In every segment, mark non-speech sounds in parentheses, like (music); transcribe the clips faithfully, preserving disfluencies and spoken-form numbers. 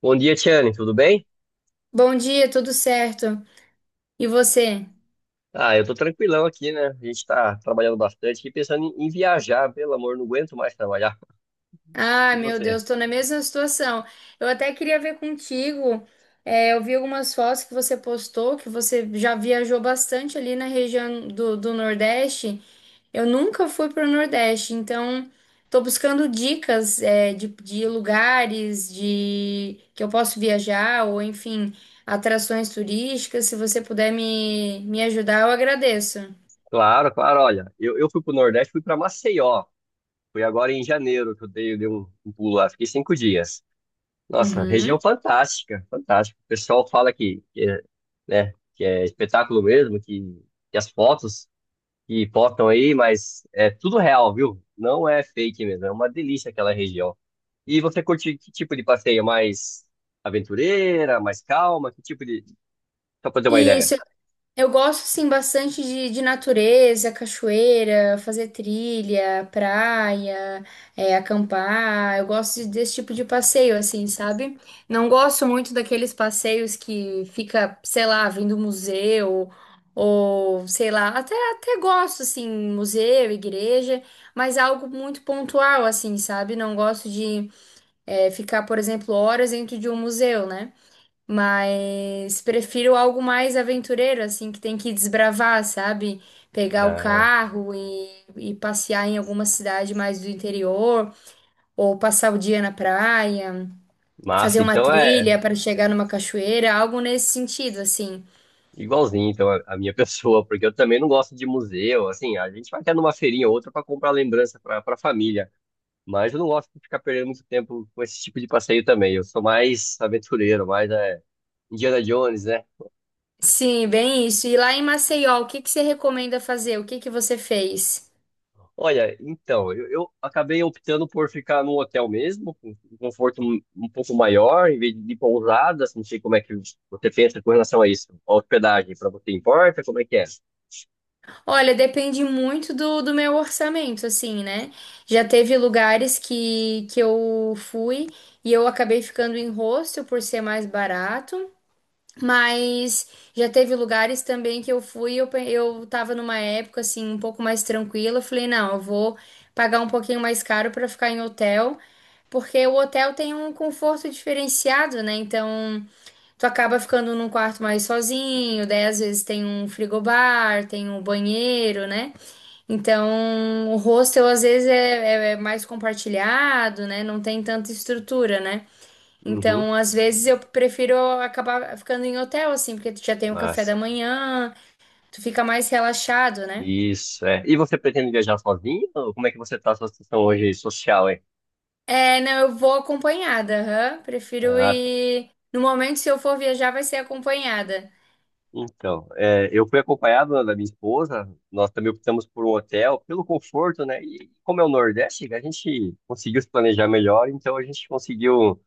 Bom dia, Tiane, tudo bem? Bom dia, tudo certo? E você? Ah, eu tô tranquilão aqui, né? A gente tá trabalhando bastante e pensando em, em viajar, pelo amor, não aguento mais trabalhar. (laughs) Ah, E meu você? Deus, tô na mesma situação. Eu até queria ver contigo. É, eu vi algumas fotos que você postou, que você já viajou bastante ali na região do, do Nordeste. Eu nunca fui para o Nordeste, então tô buscando dicas, é, de, de lugares de que eu posso viajar, ou enfim, atrações turísticas. Se você puder me, me ajudar, eu agradeço. Claro, claro, olha, eu, eu fui pro Nordeste, fui pra Maceió, fui agora em janeiro que eu dei, dei um, um pulo lá, fiquei cinco dias. Nossa, região Uhum. fantástica, fantástica. O pessoal fala que, que é, né, que é espetáculo mesmo, que, que as fotos que botam aí, mas é tudo real, viu? Não é fake mesmo, é uma delícia aquela região. E você curte que tipo de passeio? Mais aventureira, mais calma? Que tipo de. Só pra ter uma ideia. Isso. Eu gosto, sim, bastante de, de natureza, cachoeira, fazer trilha, praia, é, acampar. Eu gosto de- desse tipo de passeio, assim, sabe? Não gosto muito daqueles passeios que fica, sei lá, vindo museu, ou sei lá, até, até gosto, assim, museu, igreja, mas algo muito pontual, assim, sabe? Não gosto de, é, ficar, por exemplo, horas dentro de um museu, né? Mas prefiro algo mais aventureiro, assim, que tem que desbravar, sabe? Pegar o Ah, carro e, e passear em alguma cidade mais do interior, ou passar o dia na praia, fazer massa, uma então é trilha para chegar numa cachoeira, algo nesse sentido, assim. igualzinho então, a a minha (laughs) pessoa, porque eu também não gosto de museu, assim, a gente vai até numa feirinha ou outra para comprar lembrança para pra família, mas eu não gosto de ficar perdendo muito tempo com esse tipo de passeio também. Eu sou mais aventureiro, mais é, Indiana Jones, né? Sim, bem isso. E lá em Maceió, o que que você recomenda fazer? O que que você fez? Olha, então, eu, eu acabei optando por ficar num hotel mesmo, com um conforto um, um pouco maior, em vez de pousadas, não sei como é que você pensa com relação a isso. A hospedagem, para você importa, como é que é? Olha, depende muito do, do meu orçamento, assim, né? Já teve lugares que, que eu fui e eu acabei ficando em hostel por ser mais barato, mas já teve lugares também que eu fui e eu, pe- eu tava numa época, assim, um pouco mais tranquila. Eu falei, não, eu vou pagar um pouquinho mais caro pra ficar em hotel, porque o hotel tem um conforto diferenciado, né? Então, tu acaba ficando num quarto mais sozinho, daí às vezes tem um frigobar, tem um banheiro, né? Então, o hostel às vezes é, é- é mais compartilhado, né? Não tem tanta estrutura, né? Uhum, Então, às vezes eu prefiro acabar ficando em hotel, assim, porque tu já tem o café massa. da manhã, tu fica mais relaxado, né? Isso, é. E você pretende viajar sozinho? Ou como é que você está a sua situação hoje social, hein? É, não, eu vou acompanhada, aham. Prefiro Ah, tá. ir. No momento, se eu for viajar, vai ser acompanhada. Então, é, eu fui acompanhado da minha esposa, nós também optamos por um hotel, pelo conforto, né? E como é o Nordeste, a gente conseguiu se planejar melhor, então a gente conseguiu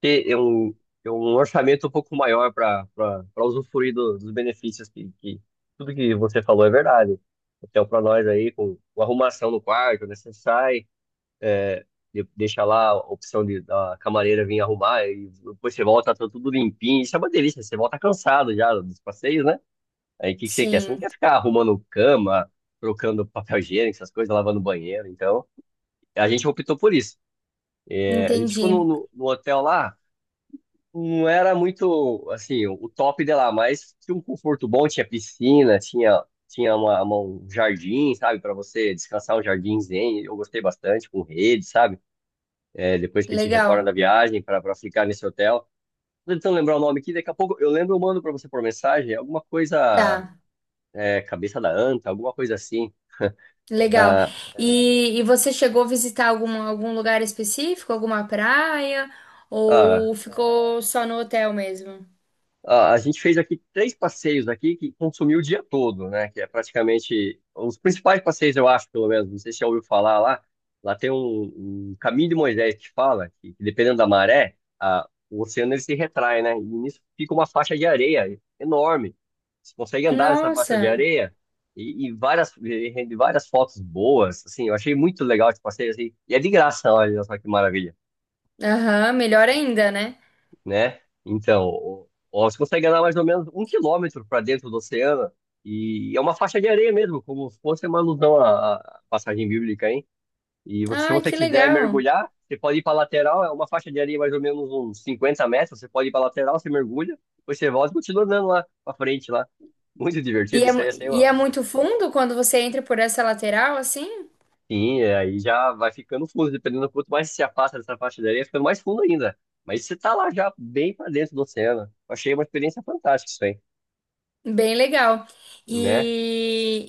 ter é um, é um orçamento um pouco maior para para usufruir do- dos benefícios que, que tudo que você falou é verdade. Hotel para nós aí, com, com arrumação no quarto, né? Você sai, é, de- deixa lá a opção de, da camareira vir arrumar, e depois você volta, tá tudo limpinho. Isso é uma delícia, você volta cansado já dos passeios, né? Aí o que, que você quer? Você não Sim, quer ficar arrumando cama, trocando papel higiênico, essas coisas, lavando banheiro. Então, a gente optou por isso. É, a gente ficou no, entendi. no no hotel lá, não era muito, assim, o top de lá, mas tinha um conforto bom, tinha piscina, tinha, tinha uma, uma- um jardim, sabe, para você descansar, um jardim zen, eu gostei bastante, com rede, sabe. É, depois que a gente retorna Legal. da viagem para para ficar nesse hotel. Tô tentando lembrar o nome aqui, daqui a pouco eu lembro, eu mando para você por mensagem, alguma coisa, Tá. é, cabeça da anta, alguma coisa assim. Legal. Ah, E, e você chegou a visitar algum, algum lugar específico, alguma praia, ah, ou ficou só no hotel mesmo? Ah, a gente fez aqui três passeios aqui que consumiu o dia todo, né? Que é praticamente os principais passeios, eu acho, pelo menos. Não sei se já ouviu falar lá. Lá tem um, um caminho de Moisés que fala que, que dependendo da maré, a, o oceano ele se retrai, né? E nisso fica uma faixa de areia enorme. Você consegue andar nessa faixa de Nossa, areia e, e várias e rende várias fotos boas, assim. Eu achei muito legal esse passeio, assim. E é de graça, olha só que maravilha, aham, melhor ainda, né? né? Então, o- o- você consegue andar mais ou menos um quilômetro para dentro do oceano, e é uma faixa de areia mesmo, como se fosse uma alusão à, à passagem bíblica, hein? E você- se Ah, você que quiser legal. mergulhar, você pode ir para a lateral, é uma faixa de areia mais ou menos uns cinquenta metros, você pode ir para a lateral, você mergulha, depois você volta e continua andando lá para frente lá. Muito E divertido é, isso mu- aí, assim, E ó. é muito fundo quando você entra por essa lateral, assim? Sim, é, aí já vai ficando fundo, dependendo do quanto mais você se afasta dessa faixa de areia, fica mais fundo ainda. Mas você tá lá já bem para dentro do oceano. Eu achei uma experiência fantástica isso aí, Bem legal. né? E,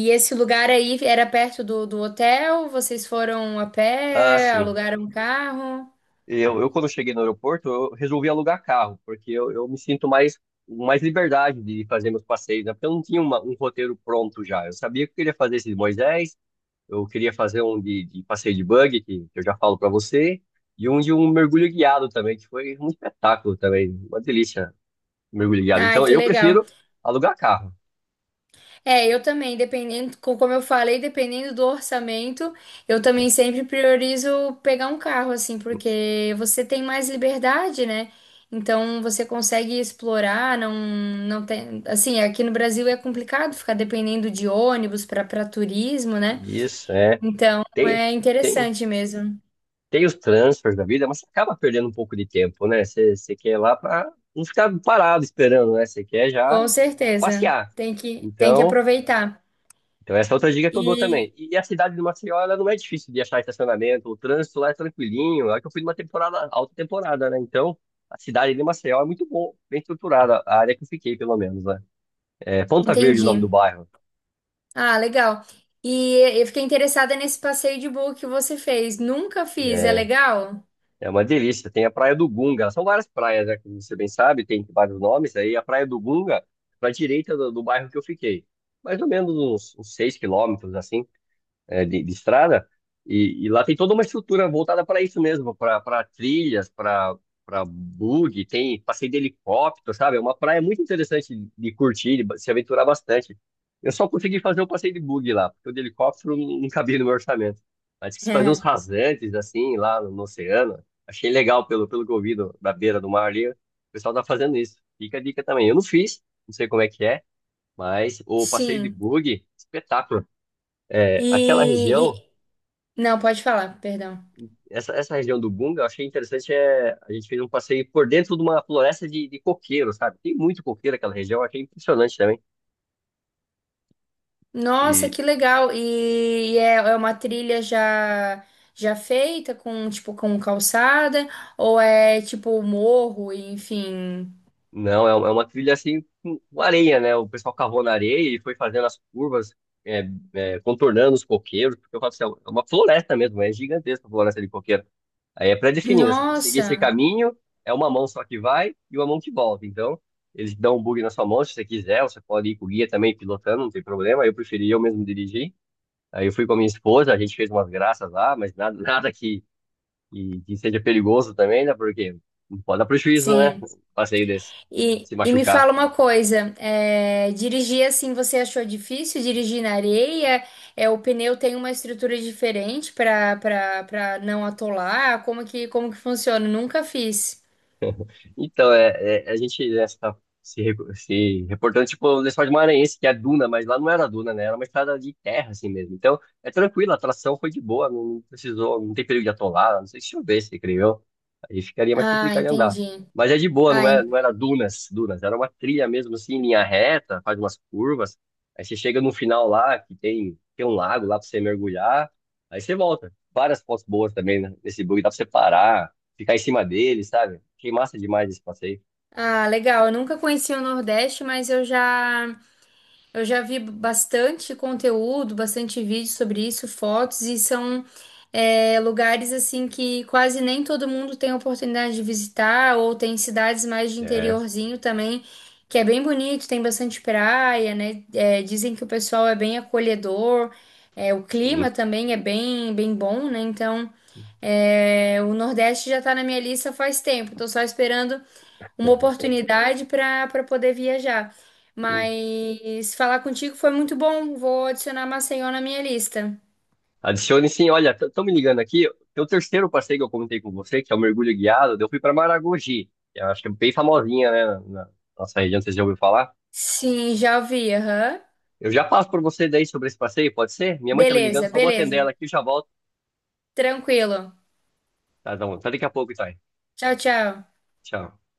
e, e esse lugar aí era perto do, do hotel? Vocês foram a Ah, pé, assim, alugaram um carro? eu, eu quando cheguei no aeroporto, eu resolvi alugar carro, porque eu, eu me sinto mais, com mais liberdade de fazer meus passeios, né? Porque eu não tinha uma- um roteiro pronto já. Eu sabia que eu queria fazer esse de Moisés, eu queria fazer um de, de passeio de buggy, que, que eu já falo para você, e um de um mergulho guiado também, que foi um espetáculo também, uma delícia, mergulho guiado. Ai, Então, que eu legal. prefiro alugar carro, É, eu também, dependendo, co- como eu falei, dependendo do orçamento, eu né? também sempre priorizo pegar um carro, assim, porque você tem mais liberdade, né? Então você consegue explorar, não, não tem, assim, aqui no Brasil é complicado ficar dependendo de ônibus para para turismo, né? Isso, é. Então Tem, é tem. interessante mesmo, Tem os transfers da vida, mas você acaba perdendo um pouco de tempo, né? Você, você quer ir lá para não ficar parado esperando, né? Você quer já com certeza. passear. Tem que, tem que Então, aproveitar. então essa é outra dica que eu dou também. E E a cidade de Maceió, ela não é difícil de achar estacionamento, o trânsito lá é tranquilinho. É que eu fui numa temporada, alta temporada, né? Então, a cidade de Maceió é muito boa, bem estruturada, a área que eu fiquei, pelo menos, né? É Ponta Verde, o nome do entendi. bairro. Ah, legal. E eu fiquei interessada nesse passeio de bug que você fez. Nunca fiz, é É, legal? (laughs) É uma delícia. Tem a Praia do Gunga. São várias praias, né? Como você bem sabe, tem vários nomes. Aí a Praia do Gunga, para a direita do, do bairro que eu fiquei. Mais ou menos uns, uns 6 quilômetros, assim, é, de, de estrada, e, e lá tem toda uma estrutura voltada para isso mesmo, para trilhas, para para bug, tem passeio de helicóptero, sabe? É uma praia muito interessante de curtir, de ba- se aventurar bastante. Eu só consegui fazer o passeio de bug lá, porque o de helicóptero não não cabia no meu orçamento. Mas quis fazer uns É. rasantes, assim, lá no, no oceano. Achei legal pelo, pelo que eu vi do- da beira do mar ali. O pessoal tá fazendo isso. Fica a dica também. Eu não fiz, não sei como é que é, mas o passeio de Sim. bug, espetáculo. É, E, aquela e- região Não, pode falar, perdão. essa, essa região do Bunga, eu achei interessante, é, a gente fez um passeio por dentro de uma floresta de, de coqueiro, sabe? Tem muito coqueiro naquela região, eu achei impressionante também. Nossa, E que legal. E, e é, é uma trilha já já feita com tipo com calçada ou é tipo morro, enfim. não, é, uma- é uma trilha assim, com areia, né? O pessoal cavou na areia e foi fazendo as curvas, é, é, contornando os coqueiros, porque eu falo assim, é uma floresta mesmo, é gigantesca a floresta de coqueiro. Aí é pré-definida, você tem que seguir esse Nossa. caminho, é uma mão só que vai e uma mão que volta. Então, eles dão um bug na sua mão se você quiser, você pode ir com o guia também pilotando, não tem problema, eu preferi eu mesmo dirigir. Aí eu fui com a minha esposa, a gente fez umas graças lá, mas nada, (laughs) nada que, que, que seja perigoso também, né? Porque não pode dar prejuízo, né? Sim. Um passeio desse, E, se e me machucar. fala uma coisa, é, dirigir assim você achou difícil? Dirigir na areia? É, o pneu tem uma estrutura diferente para para para não atolar? Como que como que funciona? Nunca fiz. Então, é, é- a gente essa, se, re- se reportando, tipo, o Lençol de Maranhense, que é Duna, mas lá não era Duna, né? Era uma estrada de terra, assim mesmo. Então, é tranquilo, a tração foi de boa, não precisou, não tem perigo de atolar, não sei, se chovesse, creio eu, aí ficaria mais Ah, complicado de andar. entendi. Mas é de boa, não Ah, era, en- não era dunas, dunas, era uma trilha mesmo, assim, em linha reta, faz umas curvas. Aí você chega no final lá, que tem, tem um lago lá pra você mergulhar, aí você volta. Várias fotos boas também, né? Nesse bug dá pra você parar, ficar em cima dele, sabe? Achei massa demais esse passeio. ah, legal. Eu nunca conheci o Nordeste, mas eu já eu já vi bastante conteúdo, bastante vídeo sobre isso, fotos, e são é, lugares assim que quase nem todo mundo tem oportunidade de visitar, ou tem cidades mais de É, interiorzinho também, que é bem bonito, tem bastante praia, né? É, dizem que o pessoal é bem acolhedor, é, o sim. clima também é bem, bem bom, né? Então, é, o Nordeste já tá na minha lista faz tempo, tô só esperando uma oportunidade para para poder viajar. (laughs) Mas falar contigo foi muito bom. Vou adicionar Maceió na minha lista. Adicione sim, olha, estão me ligando aqui. Tem o terceiro passeio que eu comentei com você, que é o mergulho guiado. Eu fui para Maragogi, que eu acho que é bem famosinha, né? Na na nossa região, vocês já ouviram falar. Sim, já ouvi. Aham. Eu já passo por você daí sobre esse passeio, pode ser? Minha mãe tá me ligando, Beleza, só vou atender beleza. ela aqui e já volto. Tranquilo. Tá, tá bom. Até daqui a pouco, Thay. Tchau, tchau. Tchau.